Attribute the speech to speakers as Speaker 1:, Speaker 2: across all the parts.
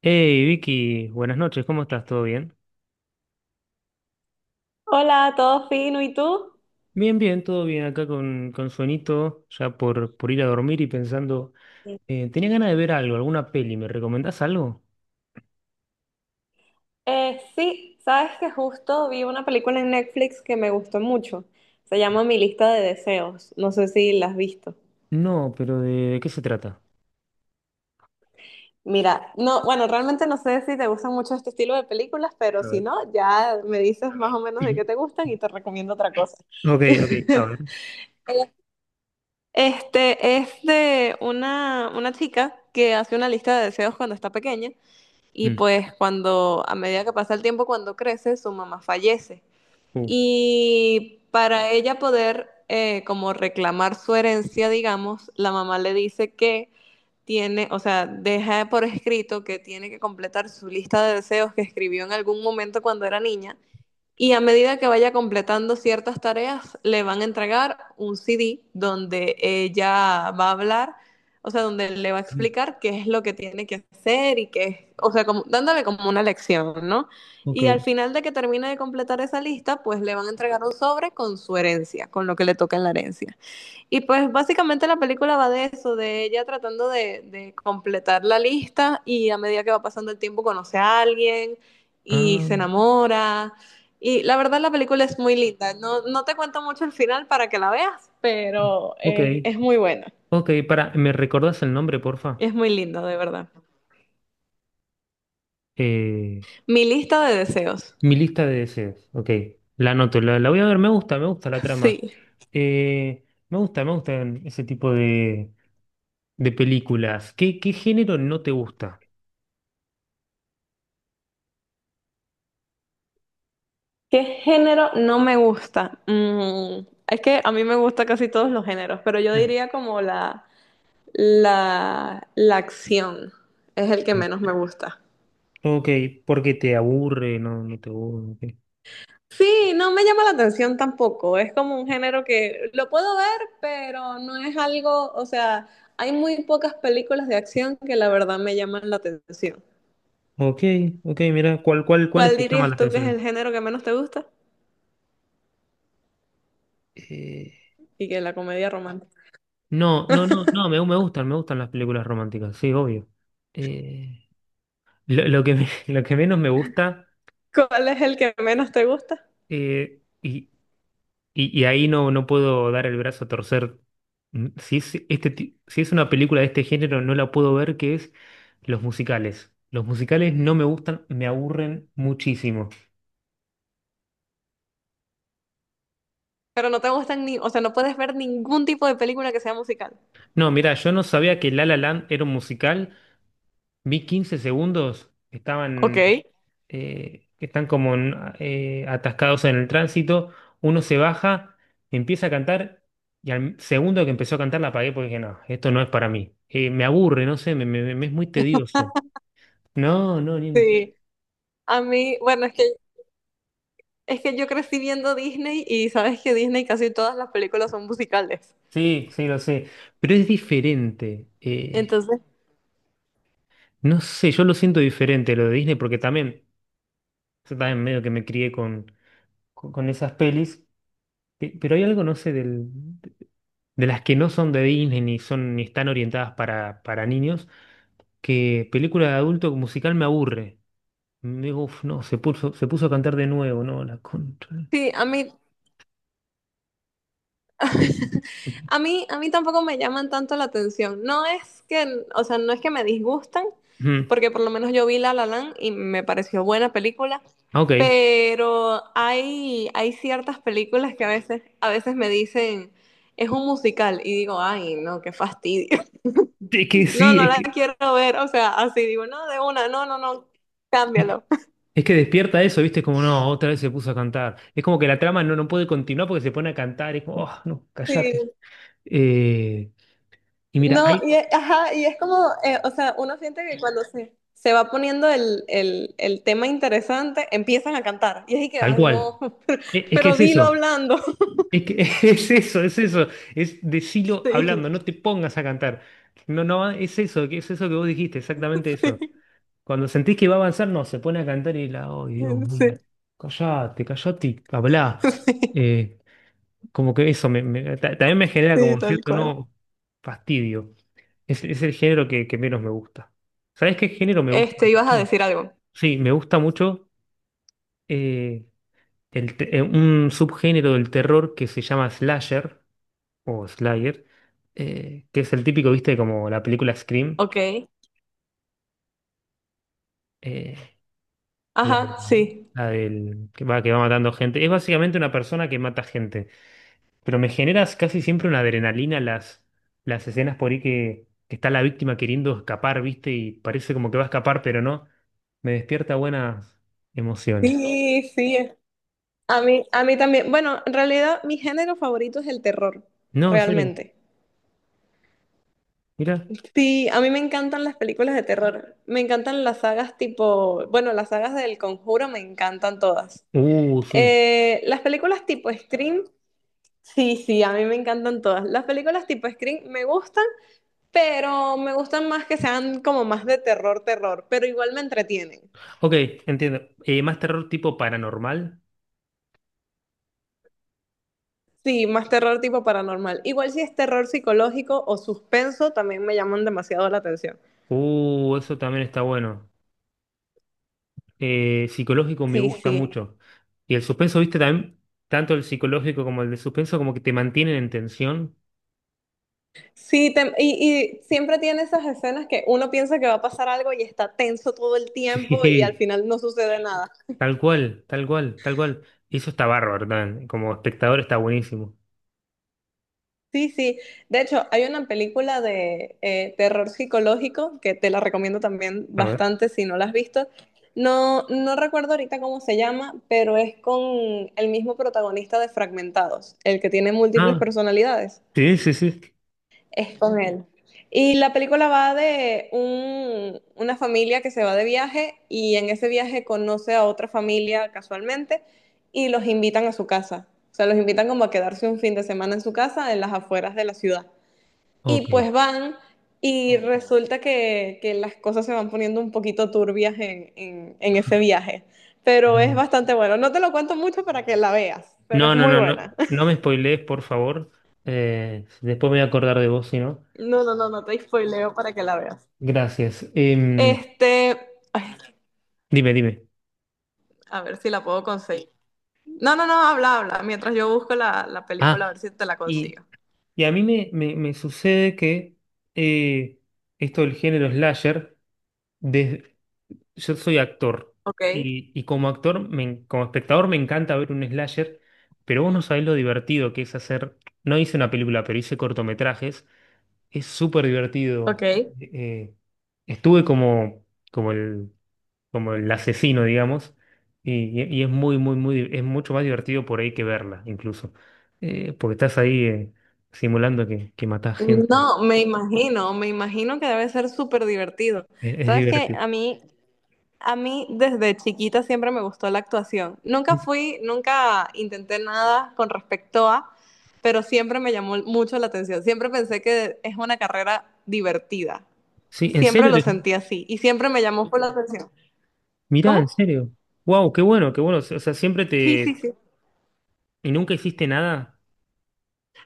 Speaker 1: Hey Vicky, buenas noches, ¿cómo estás? ¿Todo bien?
Speaker 2: Hola, todo fino, ¿y tú?
Speaker 1: Bien, bien, todo bien acá con sueñito, ya por ir a dormir y pensando,
Speaker 2: Sí.
Speaker 1: tenía ganas de ver algo, alguna peli, ¿me recomendás algo?
Speaker 2: Sí, sabes que justo vi una película en Netflix que me gustó mucho. Se llama Mi lista de deseos. No sé si la has visto.
Speaker 1: No, pero ¿de qué se trata?
Speaker 2: Mira, no, bueno, realmente no sé si te gustan mucho este estilo de películas, pero
Speaker 1: A
Speaker 2: si
Speaker 1: ver.
Speaker 2: no, ya me dices más o menos de qué te gustan y te recomiendo otra cosa.
Speaker 1: Ok, ok, a ver.
Speaker 2: Este es de una chica que hace una lista de deseos cuando está pequeña y
Speaker 1: Mm,
Speaker 2: pues cuando, a medida que pasa el tiempo, cuando crece, su mamá fallece.
Speaker 1: uh,
Speaker 2: Y para ella poder como reclamar su herencia, digamos, la mamá le dice que tiene, o sea, deja por escrito que tiene que completar su lista de deseos que escribió en algún momento cuando era niña y a medida que vaya completando ciertas tareas, le van a entregar un CD donde ella va a hablar, o sea, donde le va a
Speaker 1: mm,
Speaker 2: explicar qué es lo que tiene que hacer y qué, o sea, como, dándole como una lección, ¿no?
Speaker 1: ok,
Speaker 2: Y al final de que termine de completar esa lista, pues le van a entregar un sobre con su herencia, con lo que le toca en la herencia. Y pues básicamente la película va de eso, de ella tratando de completar la lista y a medida que va pasando el tiempo conoce a alguien y
Speaker 1: ah,
Speaker 2: se enamora. Y la verdad la película es muy linda. No te cuento mucho el final para que la veas, pero
Speaker 1: ok,
Speaker 2: es muy buena.
Speaker 1: ok, para, ¿me recordás el nombre, porfa?
Speaker 2: Es muy linda, de verdad.
Speaker 1: Eh,
Speaker 2: Mi lista de deseos.
Speaker 1: Mi lista de deseos, ok, la anoto, la voy a ver, me gusta la trama.
Speaker 2: Sí.
Speaker 1: Me gusta, me gustan ese tipo de películas. ¿Qué género no te gusta?
Speaker 2: ¿Qué género no me gusta? Es que a mí me gusta casi todos los géneros, pero yo
Speaker 1: Ah.
Speaker 2: diría como la la acción es el que menos me gusta.
Speaker 1: Ok, porque te aburre, no, no te aburre.
Speaker 2: Sí, no me llama la atención tampoco. Es como un género que lo puedo ver, pero no es algo, o sea, hay muy pocas películas de acción que la verdad me llaman la atención.
Speaker 1: Ok, ok, ok, mira, ¿cuáles
Speaker 2: ¿Cuál
Speaker 1: te llaman la
Speaker 2: dirías tú que es el
Speaker 1: atención?
Speaker 2: género que menos te gusta?
Speaker 1: Eh,
Speaker 2: Y que la comedia romántica.
Speaker 1: no, no, no, no, me gustan, me gustan las películas románticas, sí, obvio. Eh, lo que menos me gusta.
Speaker 2: ¿Cuál es el que menos te gusta?
Speaker 1: Eh, y, Y, y ahí no puedo dar el brazo a torcer. Mm. Si es una película de este género, no la puedo ver, que es los musicales. Los musicales no me gustan, me aburren muchísimo.
Speaker 2: Pero no te gustan ni, o sea, no puedes ver ningún tipo de película que sea musical.
Speaker 1: No, mira, yo no sabía que La La Land era un musical. Vi 15 segundos,
Speaker 2: Ok.
Speaker 1: están como atascados en el tránsito. Uno se baja, empieza a cantar y al segundo que empezó a cantar la apagué porque dije, no, esto no es para mí. Me aburre, no sé, me es muy tedioso. No, no. ni en-
Speaker 2: Sí, a mí, bueno, es que yo crecí viendo Disney y sabes que Disney casi todas las películas son musicales.
Speaker 1: Sí, sí, lo sé. Pero es diferente.
Speaker 2: Entonces,
Speaker 1: No sé, yo lo siento diferente lo de Disney porque también, yo también medio que me crié con esas pelis. Pero hay algo, no sé, de las que no son de Disney ni son ni están orientadas para niños, que película de adulto musical me aburre. Me digo, "Uf, no, se puso a cantar de nuevo, no, la contra.
Speaker 2: sí, a mí, a mí tampoco me llaman tanto la atención. No es que, o sea, no es que me disgustan,
Speaker 1: Ujú.
Speaker 2: porque por lo menos yo vi La La Land y me pareció buena película,
Speaker 1: Ah, ok.
Speaker 2: pero hay ciertas películas que a veces me dicen, es un musical, y digo, ay, no, qué fastidio.
Speaker 1: Es que
Speaker 2: No,
Speaker 1: sí.
Speaker 2: no la quiero ver, o sea, así digo, no, de una, no, no, no,
Speaker 1: Que.
Speaker 2: cámbialo.
Speaker 1: Es que despierta eso, ¿viste? Como, no, otra vez se puso a cantar. Es como que la trama no puede continuar porque se pone a cantar. Es como, oh, no, callate.
Speaker 2: Sí,
Speaker 1: Eh, y mira,
Speaker 2: No,
Speaker 1: ahí,
Speaker 2: y, es- ajá, y es como, o sea, uno siente que cuando se va poniendo el tema interesante, empiezan a cantar. Y es y que,
Speaker 1: tal
Speaker 2: ay, no,
Speaker 1: cual.
Speaker 2: pero
Speaker 1: Es, que
Speaker 2: pero
Speaker 1: es
Speaker 2: dilo
Speaker 1: eso.
Speaker 2: hablando.
Speaker 1: Es que es eso, es eso. Es decilo
Speaker 2: Sí,
Speaker 1: hablando, no te pongas a cantar. No, no, es eso que vos dijiste, exactamente eso.
Speaker 2: sí,
Speaker 1: Cuando sentís que va a avanzar, no, se pone a cantar y oh, Dios
Speaker 2: sí,
Speaker 1: mío, callate, callate y hablá.
Speaker 2: sí,
Speaker 1: Eh, como que eso también me genera
Speaker 2: sí,
Speaker 1: como
Speaker 2: tal
Speaker 1: cierto,
Speaker 2: cual.
Speaker 1: no, fastidio. Es el género que menos me gusta. ¿Sabes qué género me gusta
Speaker 2: Este, ibas a
Speaker 1: mucho?
Speaker 2: decir algo.
Speaker 1: Sí, me gusta mucho eh, un subgénero del terror que se llama slasher o slayer, que es el típico, viste, como la película Scream,
Speaker 2: Ok.
Speaker 1: eh,
Speaker 2: Ajá, sí.
Speaker 1: la del que va matando gente. Es básicamente una persona que mata gente. Pero me generas casi siempre una adrenalina las escenas por ahí que está la víctima queriendo escapar, ¿viste? Y parece como que va a escapar, pero no. Me despierta buenas emociones.
Speaker 2: Sí, sí. A mí también. Bueno, en realidad, mi género favorito es el terror,
Speaker 1: No, en serio,
Speaker 2: realmente.
Speaker 1: mira.
Speaker 2: Sí, a mí me encantan las películas de terror. Me encantan las sagas tipo, bueno, las sagas del Conjuro me encantan todas.
Speaker 1: Sí.
Speaker 2: Las películas tipo Scream, sí, sí, a mí me encantan todas. Las películas tipo Scream me gustan, pero me gustan más que sean como más de terror, terror, pero igual me entretienen.
Speaker 1: Ok, entiendo. Más terror tipo paranormal.
Speaker 2: Sí, más terror tipo paranormal. Igual si es terror psicológico o suspenso, también me llaman demasiado la atención.
Speaker 1: Eso también está bueno. Psicológico me
Speaker 2: Sí,
Speaker 1: gusta
Speaker 2: sí.
Speaker 1: mucho. Y el suspenso, ¿viste? También, tanto el psicológico como el de suspenso, como que te mantienen en tensión.
Speaker 2: Y siempre tiene esas escenas que uno piensa que va a pasar algo y está tenso todo el tiempo y al
Speaker 1: Sí,
Speaker 2: final no sucede nada.
Speaker 1: tal cual, tal cual, tal cual. Y eso está bárbaro también. Como espectador está buenísimo.
Speaker 2: Sí, sí. De hecho, hay una película de terror psicológico que te la recomiendo también
Speaker 1: A ver.
Speaker 2: bastante si no la has visto. No, no recuerdo ahorita cómo se llama, pero es con el mismo protagonista de Fragmentados, el que tiene múltiples
Speaker 1: Ah,
Speaker 2: personalidades.
Speaker 1: sí, sí, sí.
Speaker 2: Es con él. Y la película va de una familia que se va de viaje y en ese viaje conoce a otra familia casualmente y los invitan a su casa. O sea, los invitan como a quedarse un fin de semana en su casa en las afueras de la ciudad. Y
Speaker 1: Ok.
Speaker 2: pues van y resulta que las cosas se van poniendo un poquito turbias en ese viaje. Pero es
Speaker 1: Mm.
Speaker 2: bastante bueno. No te lo cuento mucho para que la veas, pero es
Speaker 1: No, no,
Speaker 2: muy
Speaker 1: no, no.
Speaker 2: buena.
Speaker 1: No me spoilees, por favor. Después me voy a acordar de vos, si no.
Speaker 2: No, no, no, no te spoileo para que la veas.
Speaker 1: Gracias.
Speaker 2: Este, ay,
Speaker 1: Dime, dime.
Speaker 2: A ver si la puedo conseguir. No, no, no, habla, habla. Mientras yo busco la película, a
Speaker 1: Ah,
Speaker 2: ver si te la
Speaker 1: y,
Speaker 2: consigo.
Speaker 1: y a mí me sucede que eh, esto del género slasher, des- yo soy actor
Speaker 2: Ok,
Speaker 1: y como actor, como espectador me encanta ver un slasher, pero vos no sabés lo divertido que es hacer, no hice una película, pero hice cortometrajes, es súper divertido.
Speaker 2: ok.
Speaker 1: Eh, eh, estuve como el, como el asesino, digamos, y es muy, muy, muy, es mucho más divertido por ahí que verla, incluso. Porque estás ahí simulando que matás gente,
Speaker 2: No, me imagino que debe ser súper divertido.
Speaker 1: es
Speaker 2: Sabes que
Speaker 1: divertido.
Speaker 2: a mí desde chiquita siempre me gustó la actuación. Nunca fui, nunca intenté nada con respecto a, pero siempre me llamó mucho la atención. Siempre pensé que es una carrera divertida.
Speaker 1: Sí, en
Speaker 2: Siempre
Speaker 1: serio,
Speaker 2: lo sentí así y siempre me llamó por la atención.
Speaker 1: mirá,
Speaker 2: ¿Cómo?
Speaker 1: en serio. Wow, qué bueno, qué bueno. O sea, siempre
Speaker 2: Sí, sí,
Speaker 1: te.
Speaker 2: sí.
Speaker 1: ¿Y nunca hiciste nada?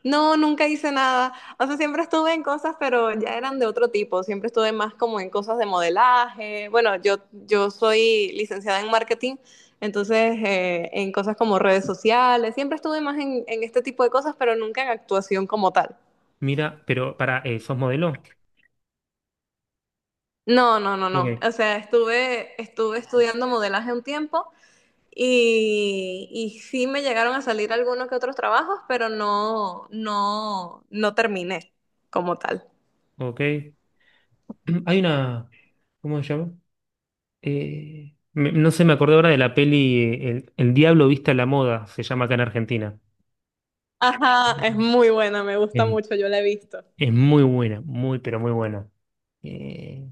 Speaker 2: No, nunca hice nada. O sea, siempre estuve en cosas, pero ya eran de otro tipo. Siempre estuve más como en cosas de modelaje. Bueno, yo soy licenciada en marketing, entonces en cosas como redes sociales. Siempre estuve más en este tipo de cosas, pero nunca en actuación como tal.
Speaker 1: Mira, pero para, ¿sos modelo?
Speaker 2: No, no, no, no. O
Speaker 1: Ok,
Speaker 2: sea, estuve estudiando modelaje un tiempo y sí me llegaron a salir algunos que otros trabajos, pero no, no, no terminé como tal.
Speaker 1: ok. Hay una. ¿Cómo se llama? No sé, me acordé ahora de la peli El Diablo Vista a la Moda, se llama acá en Argentina.
Speaker 2: Ajá, es muy buena, me
Speaker 1: Es,
Speaker 2: gusta mucho, yo la he visto.
Speaker 1: es muy buena, muy, pero muy buena. Eh,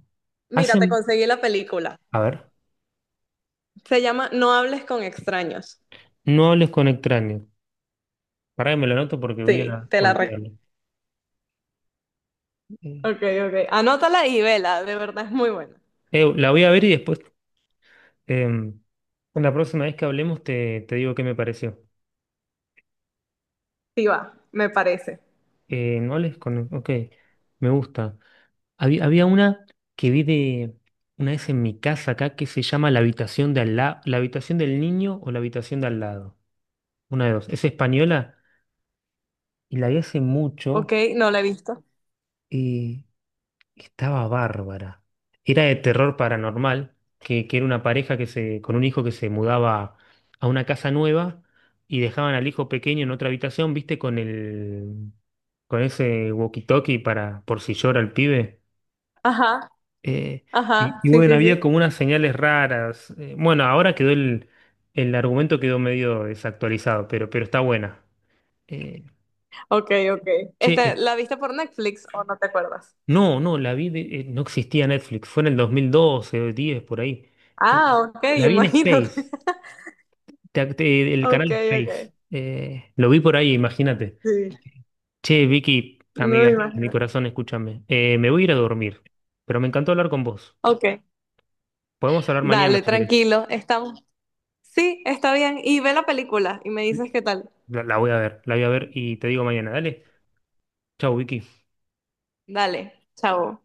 Speaker 2: Mira, te
Speaker 1: hacen...
Speaker 2: conseguí la película.
Speaker 1: A ver,
Speaker 2: Se llama No hables con extraños.
Speaker 1: no hables con extraños. Pará que me lo anoto porque voy
Speaker 2: Sí,
Speaker 1: a
Speaker 2: te la
Speaker 1: olvidarlo.
Speaker 2: recomiendo.
Speaker 1: Eh,
Speaker 2: Ok, ok. Anótala y vela, de verdad es muy buena.
Speaker 1: la voy a ver y después. Em, la próxima vez que hablemos te digo qué me pareció.
Speaker 2: Sí va, me parece.
Speaker 1: ¿No les con... Ok, me gusta. Había una que vi de una vez en mi casa acá que se llama La habitación de al la habitación del niño o la habitación de al lado. Una de dos. Es española y la vi hace
Speaker 2: Ok,
Speaker 1: mucho.
Speaker 2: no la he visto.
Speaker 1: Y estaba bárbara. Era de terror paranormal, que era una pareja con un hijo que se mudaba a una casa nueva y dejaban al hijo pequeño en otra habitación, ¿viste? Con ese walkie-talkie por si llora el pibe.
Speaker 2: Ajá,
Speaker 1: Eh, y,
Speaker 2: ajá,
Speaker 1: y
Speaker 2: sí,
Speaker 1: bueno,
Speaker 2: sí, sí.
Speaker 1: había como unas señales raras. Bueno, ahora quedó el argumento quedó medio desactualizado, pero está buena. Eh,
Speaker 2: Ok, ok. Este,
Speaker 1: che,
Speaker 2: ¿la viste por Netflix o no te acuerdas?
Speaker 1: no, no, la vi, no existía Netflix, fue en el 2012, 10 por ahí. Eh,
Speaker 2: Ah, ok,
Speaker 1: la vi en
Speaker 2: imagínate.
Speaker 1: Space, el canal
Speaker 2: Ok,
Speaker 1: Space.
Speaker 2: ok.
Speaker 1: Lo vi por ahí, imagínate.
Speaker 2: Sí,
Speaker 1: Che, Vicky,
Speaker 2: no
Speaker 1: amiga,
Speaker 2: me
Speaker 1: mía, de mi
Speaker 2: imagino.
Speaker 1: corazón, escúchame. Me voy a ir a dormir, pero me encantó hablar con vos.
Speaker 2: Ok,
Speaker 1: Podemos hablar mañana
Speaker 2: dale,
Speaker 1: si querés.
Speaker 2: tranquilo, estamos. Sí, está bien. Y ve la película y me dices qué tal.
Speaker 1: La voy a ver, la voy a ver y te digo mañana. Dale, chau, Vicky.
Speaker 2: Dale, chao.